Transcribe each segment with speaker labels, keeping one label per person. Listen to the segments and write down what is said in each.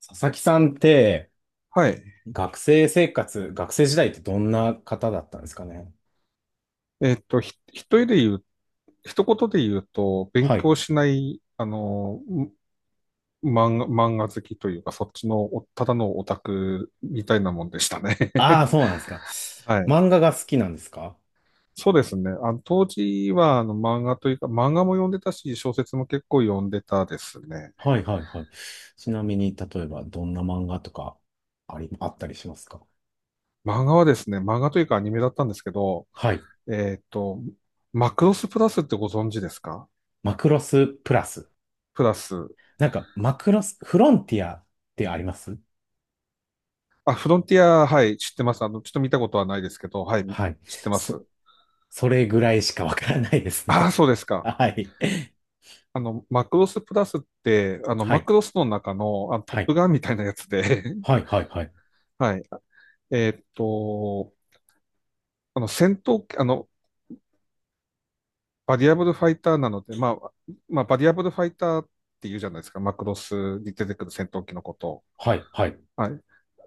Speaker 1: 佐々木さんって
Speaker 2: はい。
Speaker 1: 学生生活、学生時代ってどんな方だったんですかね？
Speaker 2: えっと、ひ、一人で言う、一言で言うと、勉
Speaker 1: はい。
Speaker 2: 強しない、漫画好きというか、そっちのお、ただのオタクみたいなもんでしたね。
Speaker 1: あ あ、そうなんですか。
Speaker 2: はい。
Speaker 1: 漫画が好きなんですか？
Speaker 2: そうですね。当時は、漫画というか、漫画も読んでたし、小説も結構読んでたですね。
Speaker 1: はいはいはい。ちなみに、例えばどんな漫画とかあったりしますか？
Speaker 2: 漫画はですね、漫画というかアニメだったんですけど、
Speaker 1: はい。
Speaker 2: えっと、マクロスプラスってご存知ですか？
Speaker 1: マクロスプラス。
Speaker 2: プラス。
Speaker 1: なんか、マクロス、フロンティアってあります？
Speaker 2: あ、フロンティア、はい、知ってます。あの、ちょっと見たことはないですけど、はい、
Speaker 1: はい。
Speaker 2: 知ってま
Speaker 1: そ、
Speaker 2: す。
Speaker 1: それぐらいしかわからないです
Speaker 2: ああ、
Speaker 1: ね。
Speaker 2: そうです か。
Speaker 1: はい。
Speaker 2: あの、マクロスプラスって、あの、
Speaker 1: は
Speaker 2: マ
Speaker 1: い。
Speaker 2: クロスの中の、あのトッ
Speaker 1: はい。
Speaker 2: プガンみたいなやつで、
Speaker 1: はい。はい。はい。
Speaker 2: はい。えーっと、あの、戦闘機、あの、バリアブルファイターなので、まあ、バリアブルファイターって言うじゃないですか、マクロスに出てくる戦闘機のことを。
Speaker 1: はい。はい。
Speaker 2: はい。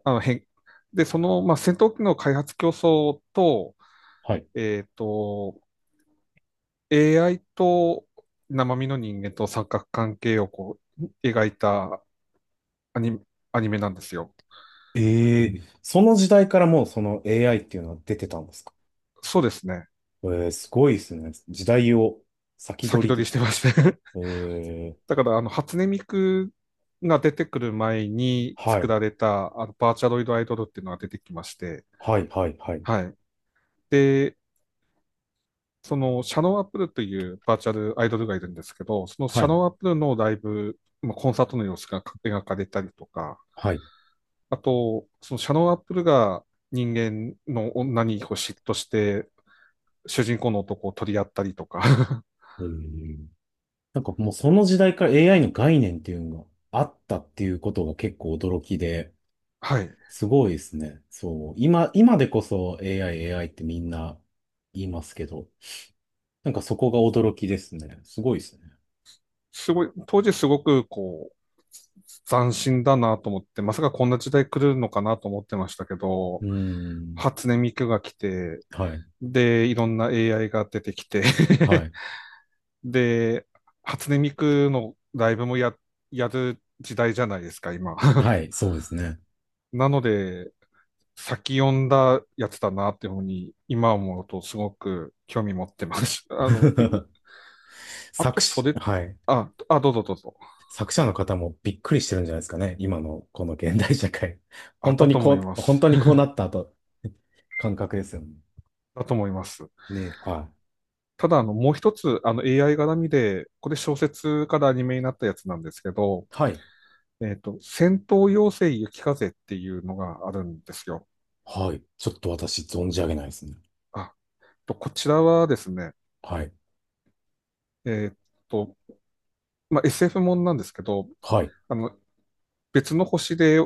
Speaker 2: あの、変、で、その、まあ、戦闘機の開発競争と、
Speaker 1: はい。
Speaker 2: えーっと、AI と生身の人間と三角関係をこう描いたアニメ、アニメなんですよ。
Speaker 1: ええ、その時代からもうその AI っていうのは出てたんですか？
Speaker 2: そうですね。
Speaker 1: ええ、すごいですね。時代を先
Speaker 2: 先
Speaker 1: 取
Speaker 2: 取
Speaker 1: り
Speaker 2: り
Speaker 1: で。
Speaker 2: してまして。
Speaker 1: え え、
Speaker 2: だからあの初音ミクが出てくる前に
Speaker 1: は
Speaker 2: 作
Speaker 1: い、
Speaker 2: られたあのバーチャロイドアイドルっていうのが出てきまして、
Speaker 1: はい、はい、はい、
Speaker 2: はい。で、そのシャノンアップルというバーチャルアイドルがいるんですけど、そのシ
Speaker 1: は
Speaker 2: ャ
Speaker 1: い、
Speaker 2: ノンアップルのライブ、まあコンサートの様子が描かれたりとか、
Speaker 1: はい。
Speaker 2: あと、そのシャノン・アップルが人間の女にこう嫉妬して、主人公の男を取り合ったりとか。
Speaker 1: ええ、なんかもうその時代から AI の概念っていうのがあったっていうことが結構驚きで、
Speaker 2: はい。
Speaker 1: すごいですね。そう。今、今でこそ AI、AI ってみんな言いますけど、なんかそこが驚きですね。すごいですね。
Speaker 2: すごい、当時すごくこう、斬新だなと思って、まさかこんな時代来るのかなと思ってましたけ
Speaker 1: う
Speaker 2: ど、
Speaker 1: ーん。
Speaker 2: 初音ミクが来て、
Speaker 1: はい、
Speaker 2: で、いろんな AI が出てきて、
Speaker 1: はい、
Speaker 2: で、初音ミクのライブもや、やる時代じゃないですか、今。
Speaker 1: はい、そうですね。
Speaker 2: なので、先読んだやつだなっていうふうに、今思うとすごく興味持ってます。あの、い あ
Speaker 1: 作
Speaker 2: と
Speaker 1: 詞、
Speaker 2: 袖、
Speaker 1: はい。
Speaker 2: あ、どうぞどうぞ。
Speaker 1: 作者の方もびっくりしてるんじゃないですかね。今のこの現代社会。
Speaker 2: あ、
Speaker 1: 本当
Speaker 2: だ
Speaker 1: に
Speaker 2: と思い
Speaker 1: こ
Speaker 2: ま
Speaker 1: う、本
Speaker 2: す。
Speaker 1: 当にこう なったと、感覚ですよね。
Speaker 2: だと思います。
Speaker 1: ね、はい。
Speaker 2: ただ、あの、もう一つ、あの、AI 絡みで、これ小説からアニメになったやつなんですけど、
Speaker 1: はい。
Speaker 2: 戦闘妖精雪風っていうのがあるんですよ。
Speaker 1: はい。ちょっと私存じ上げないですね。
Speaker 2: あ、こちらはですね、
Speaker 1: はい。
Speaker 2: えっと、まあ、SF もんなんですけど、
Speaker 1: はい。
Speaker 2: あの、別の星で、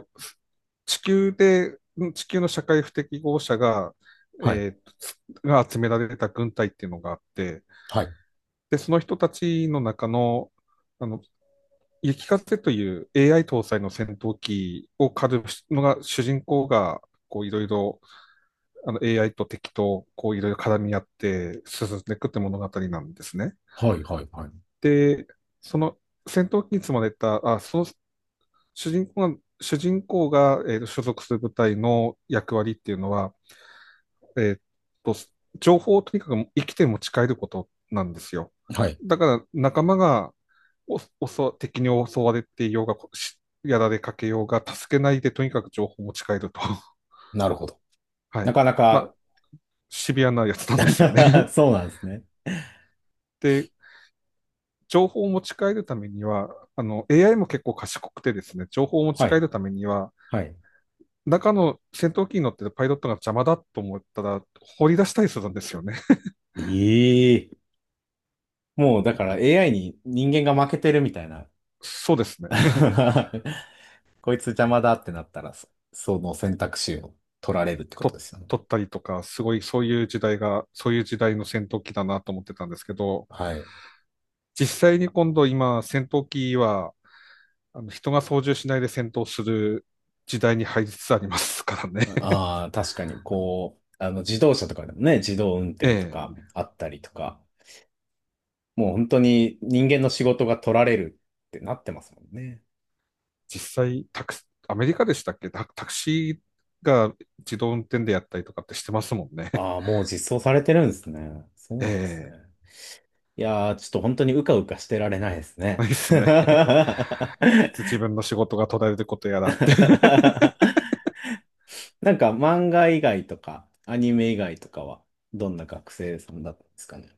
Speaker 2: 地球で、地球の社会不適合者が、
Speaker 1: はい。
Speaker 2: えーつが集められた軍隊っていうのがあって、
Speaker 1: はい。
Speaker 2: で、その人たちの中の、あの、雪風という AI 搭載の戦闘機を狩るのが主人公が、こういろいろあの AI と敵とこういろいろ絡み合って進んでいくって物語なんですね。
Speaker 1: はい。はい。はい。
Speaker 2: で、その戦闘機に積まれた、その主人公が、えーと所属する部隊の役割っていうのは、えーと、情報をとにかく生きて持ち帰ることなんですよ。
Speaker 1: はい。
Speaker 2: だから仲間がおおそ敵に襲われていようが、しやられかけようが、助けないでとにかく情報を持ち帰ると。
Speaker 1: なるほど。
Speaker 2: は
Speaker 1: な
Speaker 2: い。
Speaker 1: かな
Speaker 2: ま
Speaker 1: か。
Speaker 2: あ、シビアなやつなんですよね。
Speaker 1: そうなんですね。
Speaker 2: で、情報を持ち帰るためには、あの、AI も結構賢くてですね、情報を持ち
Speaker 1: は
Speaker 2: 帰
Speaker 1: い。
Speaker 2: るためには、
Speaker 1: はい。
Speaker 2: 中の戦闘機に乗ってるパイロットが邪魔だと思ったら、放り出したりするんですよね。
Speaker 1: ええ、もうだから AI に人間が負けてるみたいな。
Speaker 2: そうですね。
Speaker 1: こいつ邪魔だってなったら、そその選択肢を取られるってこと
Speaker 2: と
Speaker 1: ですよね。
Speaker 2: 撮ったりとか、すごいそういう時代が、そういう時代の戦闘機だなと思ってたんですけど、
Speaker 1: はい。
Speaker 2: 実際に今、戦闘機は、あの人が操縦しないで戦闘する時代に入りつつありますからね。
Speaker 1: ああー、確かに、こう、自動車とかでもね、自動運
Speaker 2: え
Speaker 1: 転とか
Speaker 2: え。
Speaker 1: あったりとか、もう本当に人間の仕事が取られるってなってますもんね。
Speaker 2: 実際、アメリカでしたっけ、タクシーが自動運転でやったりとかってしてますもんね。
Speaker 1: ああ、もう実装されてるんですね。そ う
Speaker 2: え
Speaker 1: なんですね。
Speaker 2: え。
Speaker 1: いやー、ちょっと本当にうかうかしてられないです ね。
Speaker 2: ないっ すね。いつ自分の仕事が途絶えることやらって。
Speaker 1: なんか漫画以外とか、アニメ以外とかは、どんな学生さんだったんですかね？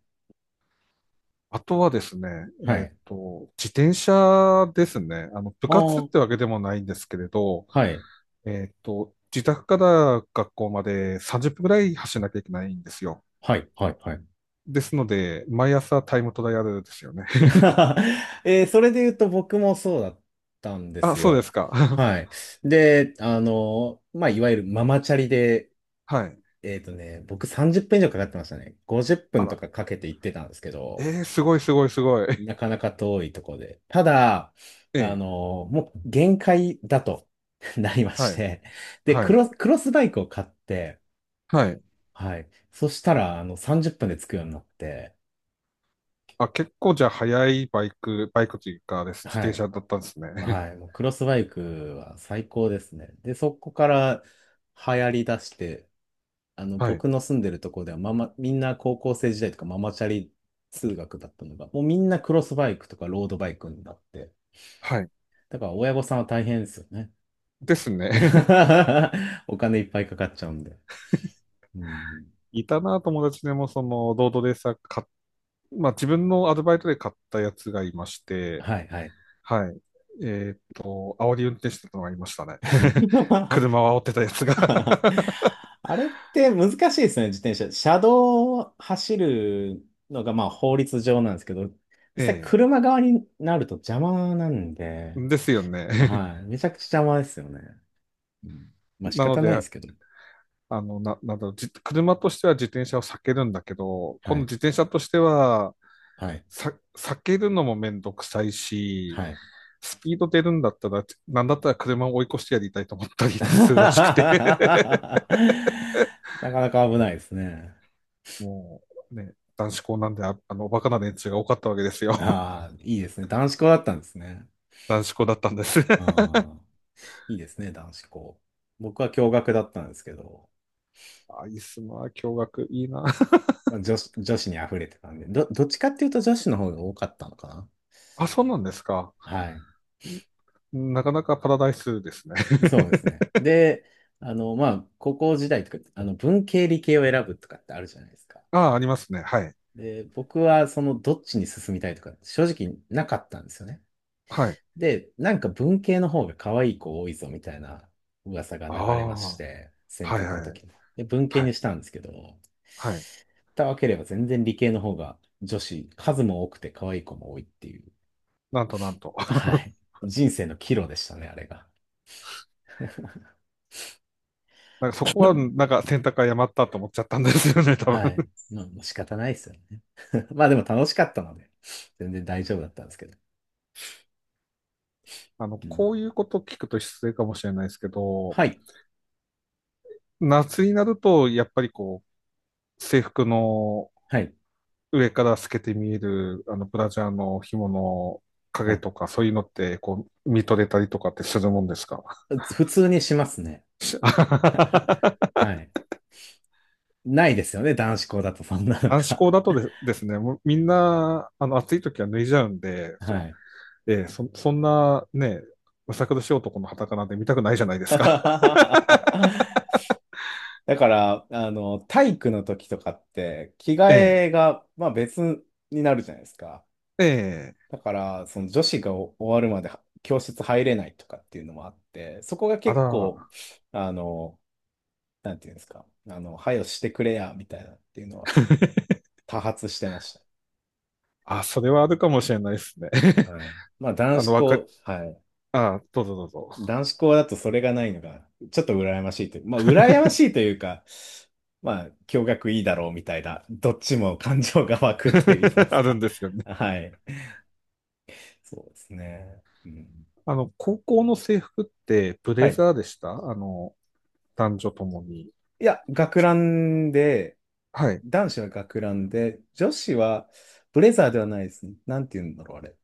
Speaker 2: あとはですね、
Speaker 1: はい。
Speaker 2: 自転車ですね。あの、部
Speaker 1: ああ、
Speaker 2: 活っ
Speaker 1: は
Speaker 2: てわけでもないんですけれど、
Speaker 1: い、
Speaker 2: 自宅から学校まで30分ぐらい走らなきゃいけないんですよ。
Speaker 1: はい、はい、はい。
Speaker 2: ですので、毎朝タイムトライアルですよね。
Speaker 1: えー、それで言うと僕もそうだったんで
Speaker 2: あ、
Speaker 1: す
Speaker 2: そうで
Speaker 1: よ。
Speaker 2: すか。
Speaker 1: は い。で、まあ、いわゆるママチャリで、
Speaker 2: はい。
Speaker 1: えっとね、僕30分以上かかってましたね。50
Speaker 2: あ
Speaker 1: 分と
Speaker 2: ら、
Speaker 1: かかけて行ってたんですけど、
Speaker 2: すごいすごいすごい。
Speaker 1: なかなか遠いとこで。ただ、
Speaker 2: ええ、
Speaker 1: もう限界だと。 なりま
Speaker 2: は
Speaker 1: し
Speaker 2: い、
Speaker 1: て。で、
Speaker 2: は
Speaker 1: ク
Speaker 2: い、
Speaker 1: ロス、クロスバイクを買って、
Speaker 2: はい。
Speaker 1: はい。そしたら、30分で着くようになって、
Speaker 2: あ、結構じゃあ速いバイク、バイクというかです、自
Speaker 1: は
Speaker 2: 転
Speaker 1: い。
Speaker 2: 車だったんですね。
Speaker 1: はい。もうクロスバイクは最高ですね。で、そこから流行り出して、
Speaker 2: はい、
Speaker 1: 僕の住んでるところではママ、みんな高校生時代とかママチャリ通学だったのが、もうみんなクロスバイクとかロードバイクになって、
Speaker 2: はい。
Speaker 1: だから親御さんは大変ですよね。
Speaker 2: ですね。
Speaker 1: お金いっぱいかかっちゃうんで。うん、
Speaker 2: いたな、友達でも、その、ロードレーサー買っ、まあ、自分のアルバイトで買ったやつがいまして、
Speaker 1: はい、はい。
Speaker 2: はい。煽り運転してたのがいましたね。車を煽ってたやつが。
Speaker 1: あれって難しいですね、自転車。車道を走るのがまあ法律上なんですけど、実際
Speaker 2: え
Speaker 1: 車側になると邪魔なんで、
Speaker 2: え。ですよね。
Speaker 1: はい。めちゃくちゃ邪魔ですよね。うん、まあ 仕
Speaker 2: なの
Speaker 1: 方ないで
Speaker 2: で、
Speaker 1: すけど。
Speaker 2: あの、な、なんだろう、じ、車としては自転車を避けるんだけど、
Speaker 1: は
Speaker 2: 今度
Speaker 1: い。
Speaker 2: 自転車としては、
Speaker 1: はい。
Speaker 2: 避けるのもめんどくさい
Speaker 1: は
Speaker 2: し、
Speaker 1: い。
Speaker 2: スピード出るんだったら、なんだったら車を追い越してやりたいと思ったりするらしく て。
Speaker 1: なかなか危ないですね。
Speaker 2: もうね、男子校なんで、あの、おバカな連中が多かったわけですよ。
Speaker 1: ああ、いいですね。男子校だったんですね。
Speaker 2: 男子校だったんです。
Speaker 1: あ あ、いいですね、男子校。僕は共学だったんですけど。
Speaker 2: あ、いいっすな、驚学いいな。
Speaker 1: まあ、女子に溢れてたんで、どっちかっていうと女子の方が多かったのかな。
Speaker 2: あ、そうなんですか。
Speaker 1: はい。
Speaker 2: なかなかパラダイスですね。
Speaker 1: そうですね。で、まあ、高校時代とか、文系理系を選ぶとかってあるじゃないですか。
Speaker 2: あ、ありますね。はい。
Speaker 1: で、僕はそのどっちに進みたいとか、正直なかったんですよね。
Speaker 2: はい。
Speaker 1: で、なんか文系の方が可愛い子多いぞみたいな噂が
Speaker 2: あ
Speaker 1: 流れま
Speaker 2: あ、
Speaker 1: し
Speaker 2: は
Speaker 1: て、選
Speaker 2: いはい
Speaker 1: 択の
Speaker 2: はい。
Speaker 1: 時に。で、文系
Speaker 2: はい。
Speaker 1: にしたんですけど、
Speaker 2: はい。
Speaker 1: 蓋を開ければ全然理系の方が女子、数も多くて可愛い子も多いっていう。
Speaker 2: なんとなんと。
Speaker 1: は い。人生の岐路でしたね、あれが。
Speaker 2: なんかそこは、なんか選択誤ったと思っちゃったんですよね、多
Speaker 1: はい。
Speaker 2: 分。
Speaker 1: まあ、もう仕方ないですよね。まあでも楽しかったので、全然大丈夫だったんですけど。
Speaker 2: あの、
Speaker 1: うん、
Speaker 2: こういうこと聞くと失礼かもしれないですけど、
Speaker 1: はい。
Speaker 2: 夏になると、やっぱりこう、制服の
Speaker 1: はい。
Speaker 2: 上から透けて見える、あの、ブラジャーの紐の
Speaker 1: は
Speaker 2: 影
Speaker 1: い。
Speaker 2: とか、そういうのって、こう、見とれたりとかってするもんですか？
Speaker 1: 普通にしますね。
Speaker 2: し。
Speaker 1: はい。ないですよね、男子校だとそんなの
Speaker 2: 男子
Speaker 1: が。
Speaker 2: 校だとでですね、もうみんな、あの、暑い時は脱いじゃうんで、そ、
Speaker 1: はい。
Speaker 2: ええそ、そんなね、むさ苦しい男の裸なんて見たくないじゃないですか。
Speaker 1: だから、体育の時とかって、着 替
Speaker 2: え
Speaker 1: えが、まあ別になるじゃないですか。
Speaker 2: え、ええ、
Speaker 1: だから、その女子が終わるまで教室入れないとかっていうのもあって、そこが
Speaker 2: あ
Speaker 1: 結構、
Speaker 2: ら、
Speaker 1: あの、なんていうんですか、配慮してくれや、みたいなっていうのは多発してまし
Speaker 2: あ、それはあるかもしれないですね。
Speaker 1: た。はい。まあ、男
Speaker 2: あ
Speaker 1: 子
Speaker 2: の、わか、
Speaker 1: 校、はい。
Speaker 2: あ、どうぞどうぞ。
Speaker 1: 男子校だとそれがないのが、ちょっと羨ましいという、まあ、羨ましいというか、まあ、共学いいだろうみたいな、どっちも感情が湧くと言いま す
Speaker 2: あるん
Speaker 1: か。
Speaker 2: ですよね。
Speaker 1: はい。そうですね。うん、
Speaker 2: あの、高校の制服ってブ
Speaker 1: は
Speaker 2: レ
Speaker 1: い。
Speaker 2: ザーでした？あの、男女ともに。
Speaker 1: いや、学ランで、
Speaker 2: はい。
Speaker 1: 男子は学ランで、女子はブレザーではないですね。なんて言うんだろう、あれ。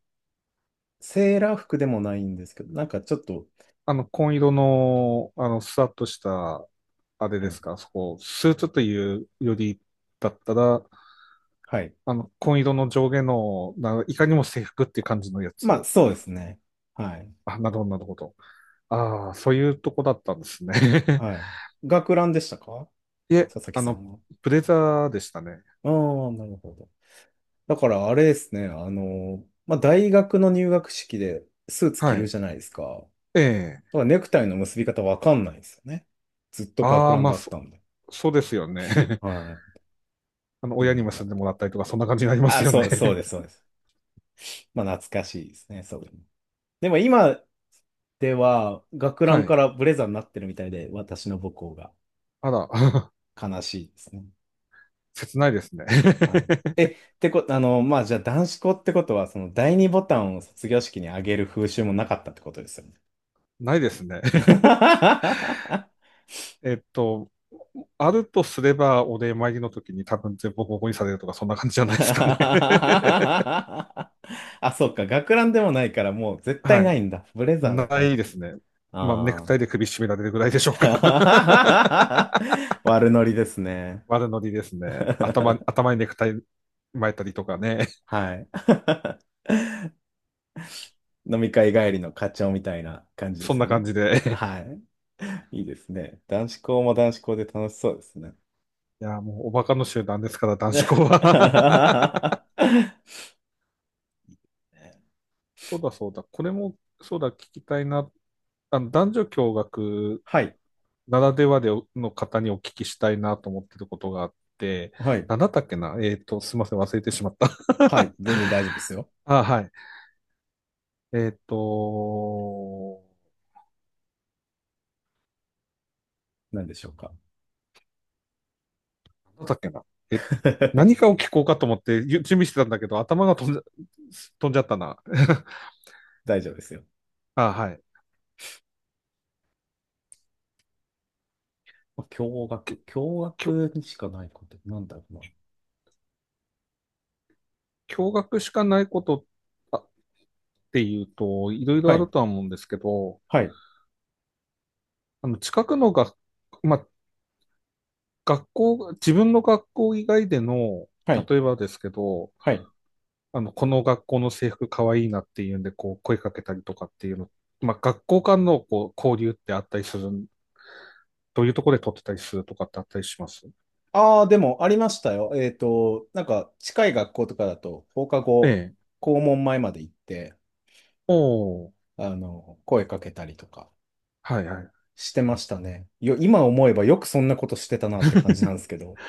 Speaker 1: セーラー服でもないんですけど、なんかちょっと、
Speaker 2: あの、紺色の、あの、スワッとした、あれ
Speaker 1: は
Speaker 2: で
Speaker 1: い。
Speaker 2: すか、そこ、スーツというよりだったら、
Speaker 1: はい。
Speaker 2: あの、紺色の上下の、ないかにも制服っていう感じのや
Speaker 1: まあ、
Speaker 2: つ。
Speaker 1: そうですね。はい。
Speaker 2: あ、なるほど、なるほど。ああ、そういうとこだったんですね。
Speaker 1: はい。学ランでしたか、
Speaker 2: いえ、
Speaker 1: 佐々木
Speaker 2: あ
Speaker 1: さ
Speaker 2: の、
Speaker 1: んは？
Speaker 2: ブレザーでしたね。
Speaker 1: ああ、なるほど。だから、あれですね。まあ、大学の入学式でスーツ着
Speaker 2: は
Speaker 1: る
Speaker 2: い。
Speaker 1: じゃないですか。
Speaker 2: ええ。
Speaker 1: だからネクタイの結び方わかんないですよね。ずっと学
Speaker 2: ああ、
Speaker 1: ラン
Speaker 2: まあ、
Speaker 1: だっ
Speaker 2: そ、
Speaker 1: たんで。
Speaker 2: そうですよね。
Speaker 1: はい。っ
Speaker 2: あの、
Speaker 1: ていう
Speaker 2: 親に
Speaker 1: の
Speaker 2: も
Speaker 1: が。
Speaker 2: 住んでもらったりとか、そんな感じになりま
Speaker 1: あ、
Speaker 2: すよ
Speaker 1: そ
Speaker 2: ね。
Speaker 1: う、そうです、そうです。まあ、懐かしいですね。そうです。でも今では学ラ
Speaker 2: は
Speaker 1: ン
Speaker 2: い。
Speaker 1: からブレザーになってるみたいで、私の母校が
Speaker 2: あら、
Speaker 1: 悲しいですね。
Speaker 2: 切ないですね。
Speaker 1: はい。え、ってこと、まあ、じゃあ男子校ってことは、その第二ボタンを卒業式にあげる風習もなかったってことですよね？
Speaker 2: ないですね。えっと、あるとすれば、お礼参りの時に多分全部ボコボコにされるとか、そんな感じじゃないですかね。
Speaker 1: あ、そっか。学ランでもないから、もう絶 対
Speaker 2: は
Speaker 1: な
Speaker 2: い。
Speaker 1: いんだ。ブレザーだか
Speaker 2: な
Speaker 1: ら。
Speaker 2: いですね。まあ、ネク
Speaker 1: あ
Speaker 2: タイで首絞められるぐらいでしょうか。
Speaker 1: あ。悪ノリですね。
Speaker 2: 悪ノリですね。頭にネクタイ巻いたりとかね。
Speaker 1: はい。飲み会帰りの課長みたいな感じで
Speaker 2: そ
Speaker 1: す
Speaker 2: ん
Speaker 1: よ
Speaker 2: な感
Speaker 1: ね。
Speaker 2: じで。
Speaker 1: はい。いいですね。男子校も男子校で楽しそうですね。
Speaker 2: いや、もうおバカの集団ですから、男子校 は。
Speaker 1: は
Speaker 2: そうだそうだ。これも、そうだ、聞きたいな。あの男女共学
Speaker 1: い。
Speaker 2: ならではでの方にお聞きしたいなと思ってることがあって、
Speaker 1: はい。
Speaker 2: なんだったっけなすいません、忘れてしまった。
Speaker 1: はい。全然大丈夫ですよ。
Speaker 2: あ、はい。えっと、
Speaker 1: 何でしょうか？
Speaker 2: なんだったっけなえ、何か を聞こうかと思って準備してたんだけど、頭が飛んじゃ、飛んじゃったな。
Speaker 1: 大丈夫ですよ。
Speaker 2: あ、はい。
Speaker 1: 驚愕。驚
Speaker 2: きょ、
Speaker 1: 愕にしかないことってなんだろうな。
Speaker 2: 驚愕しかないこと。あっていうと、いろいろ
Speaker 1: は
Speaker 2: ある
Speaker 1: い。
Speaker 2: とは思うんですけど、
Speaker 1: はい。
Speaker 2: あの、近くのが、まあ、自分の学校以外での、
Speaker 1: はい。
Speaker 2: 例えばですけど、
Speaker 1: はい。
Speaker 2: あの、この学校の制服かわいいなっていうんで、こう、声かけたりとかっていうの、まあ、学校間のこう交流ってあったりする、どういうところで撮ってたりするとかってあったりします？
Speaker 1: ああ、でもありましたよ。えっと、なんか近い学校とかだと放課
Speaker 2: え
Speaker 1: 後、
Speaker 2: え。
Speaker 1: 校門前まで行って、
Speaker 2: おお、
Speaker 1: 声かけたりとか。
Speaker 2: はいはい。
Speaker 1: してましたね。よ、今思えばよくそんなことしてたなって感じなんですけど。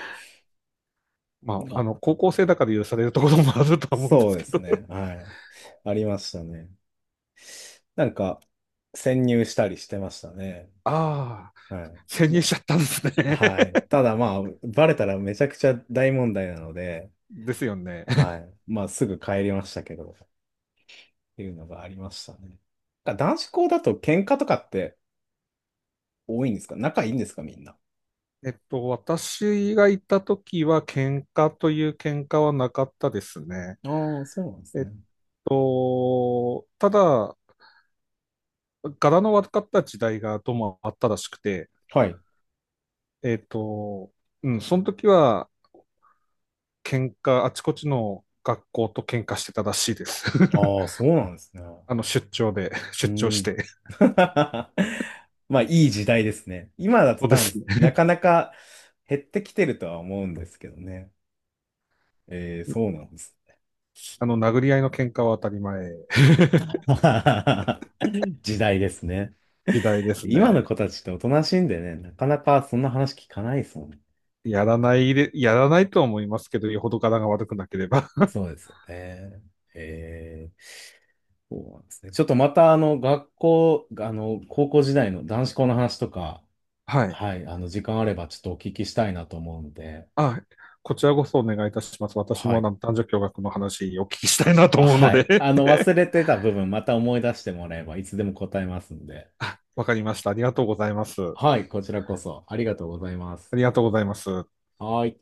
Speaker 2: まあ、あ
Speaker 1: あ、
Speaker 2: の、高校生だから許されるところもあるとは思うんで
Speaker 1: そう
Speaker 2: す
Speaker 1: で
Speaker 2: け
Speaker 1: す
Speaker 2: ど。
Speaker 1: ね。はい。ありましたね。なんか、潜入したりしてましたね。
Speaker 2: ああ、
Speaker 1: は
Speaker 2: 潜
Speaker 1: い。
Speaker 2: 入
Speaker 1: も、
Speaker 2: しちゃったんですね。
Speaker 1: はい。ただまあ、バレたらめちゃくちゃ大問題なので、
Speaker 2: ですよね。
Speaker 1: はい。まあ、すぐ帰りましたけど、っていうのがありましたね。なんか男子校だと喧嘩とかって多いんですか、仲いいんですか、みんな？
Speaker 2: えっと、私がいた時は喧嘩という喧嘩はなかったですね。
Speaker 1: ああー、そうなんです
Speaker 2: えっ
Speaker 1: ね。
Speaker 2: ただ、柄の悪かった時代がどうもあったらしくて、
Speaker 1: はい。
Speaker 2: えっと、うん、その時はあちこちの学校と喧嘩してたらしいです。
Speaker 1: ああ、そうなんですね。
Speaker 2: あの、出張で、
Speaker 1: う
Speaker 2: 出張し
Speaker 1: ん。
Speaker 2: て。
Speaker 1: まあ、いい時代ですね。今だと
Speaker 2: そうで
Speaker 1: 多分、
Speaker 2: すね。
Speaker 1: なかなか減ってきてるとは思うんですけどね。えー、そうなんです。
Speaker 2: あの、殴り合いの喧嘩は当たり前。
Speaker 1: 時代ですね。
Speaker 2: 時代で す
Speaker 1: 今
Speaker 2: ね。
Speaker 1: の子たちっておとなしいんでね、なかなかそんな話聞かないですもんね。
Speaker 2: やらないで、やらないとは思いますけど、よほど柄が悪くなければ。
Speaker 1: そうですよね。えー、そうなんですね。ちょっとまた、学校、高校時代の男子校の話とか、
Speaker 2: はい。
Speaker 1: はい、時間あればちょっとお聞きしたいなと思うんで、
Speaker 2: あ、こちらこそお願いいたします。私
Speaker 1: は
Speaker 2: もあ
Speaker 1: い。
Speaker 2: の男女共学の話をお聞きしたいなと思うの
Speaker 1: はい。
Speaker 2: で。
Speaker 1: 忘れてた部分、また思い出してもらえば、いつでも答えますんで。
Speaker 2: わかりました。ありがとうございます。あ
Speaker 1: はい、こちらこそ、ありがとうございます。
Speaker 2: りがとうございます。
Speaker 1: はい。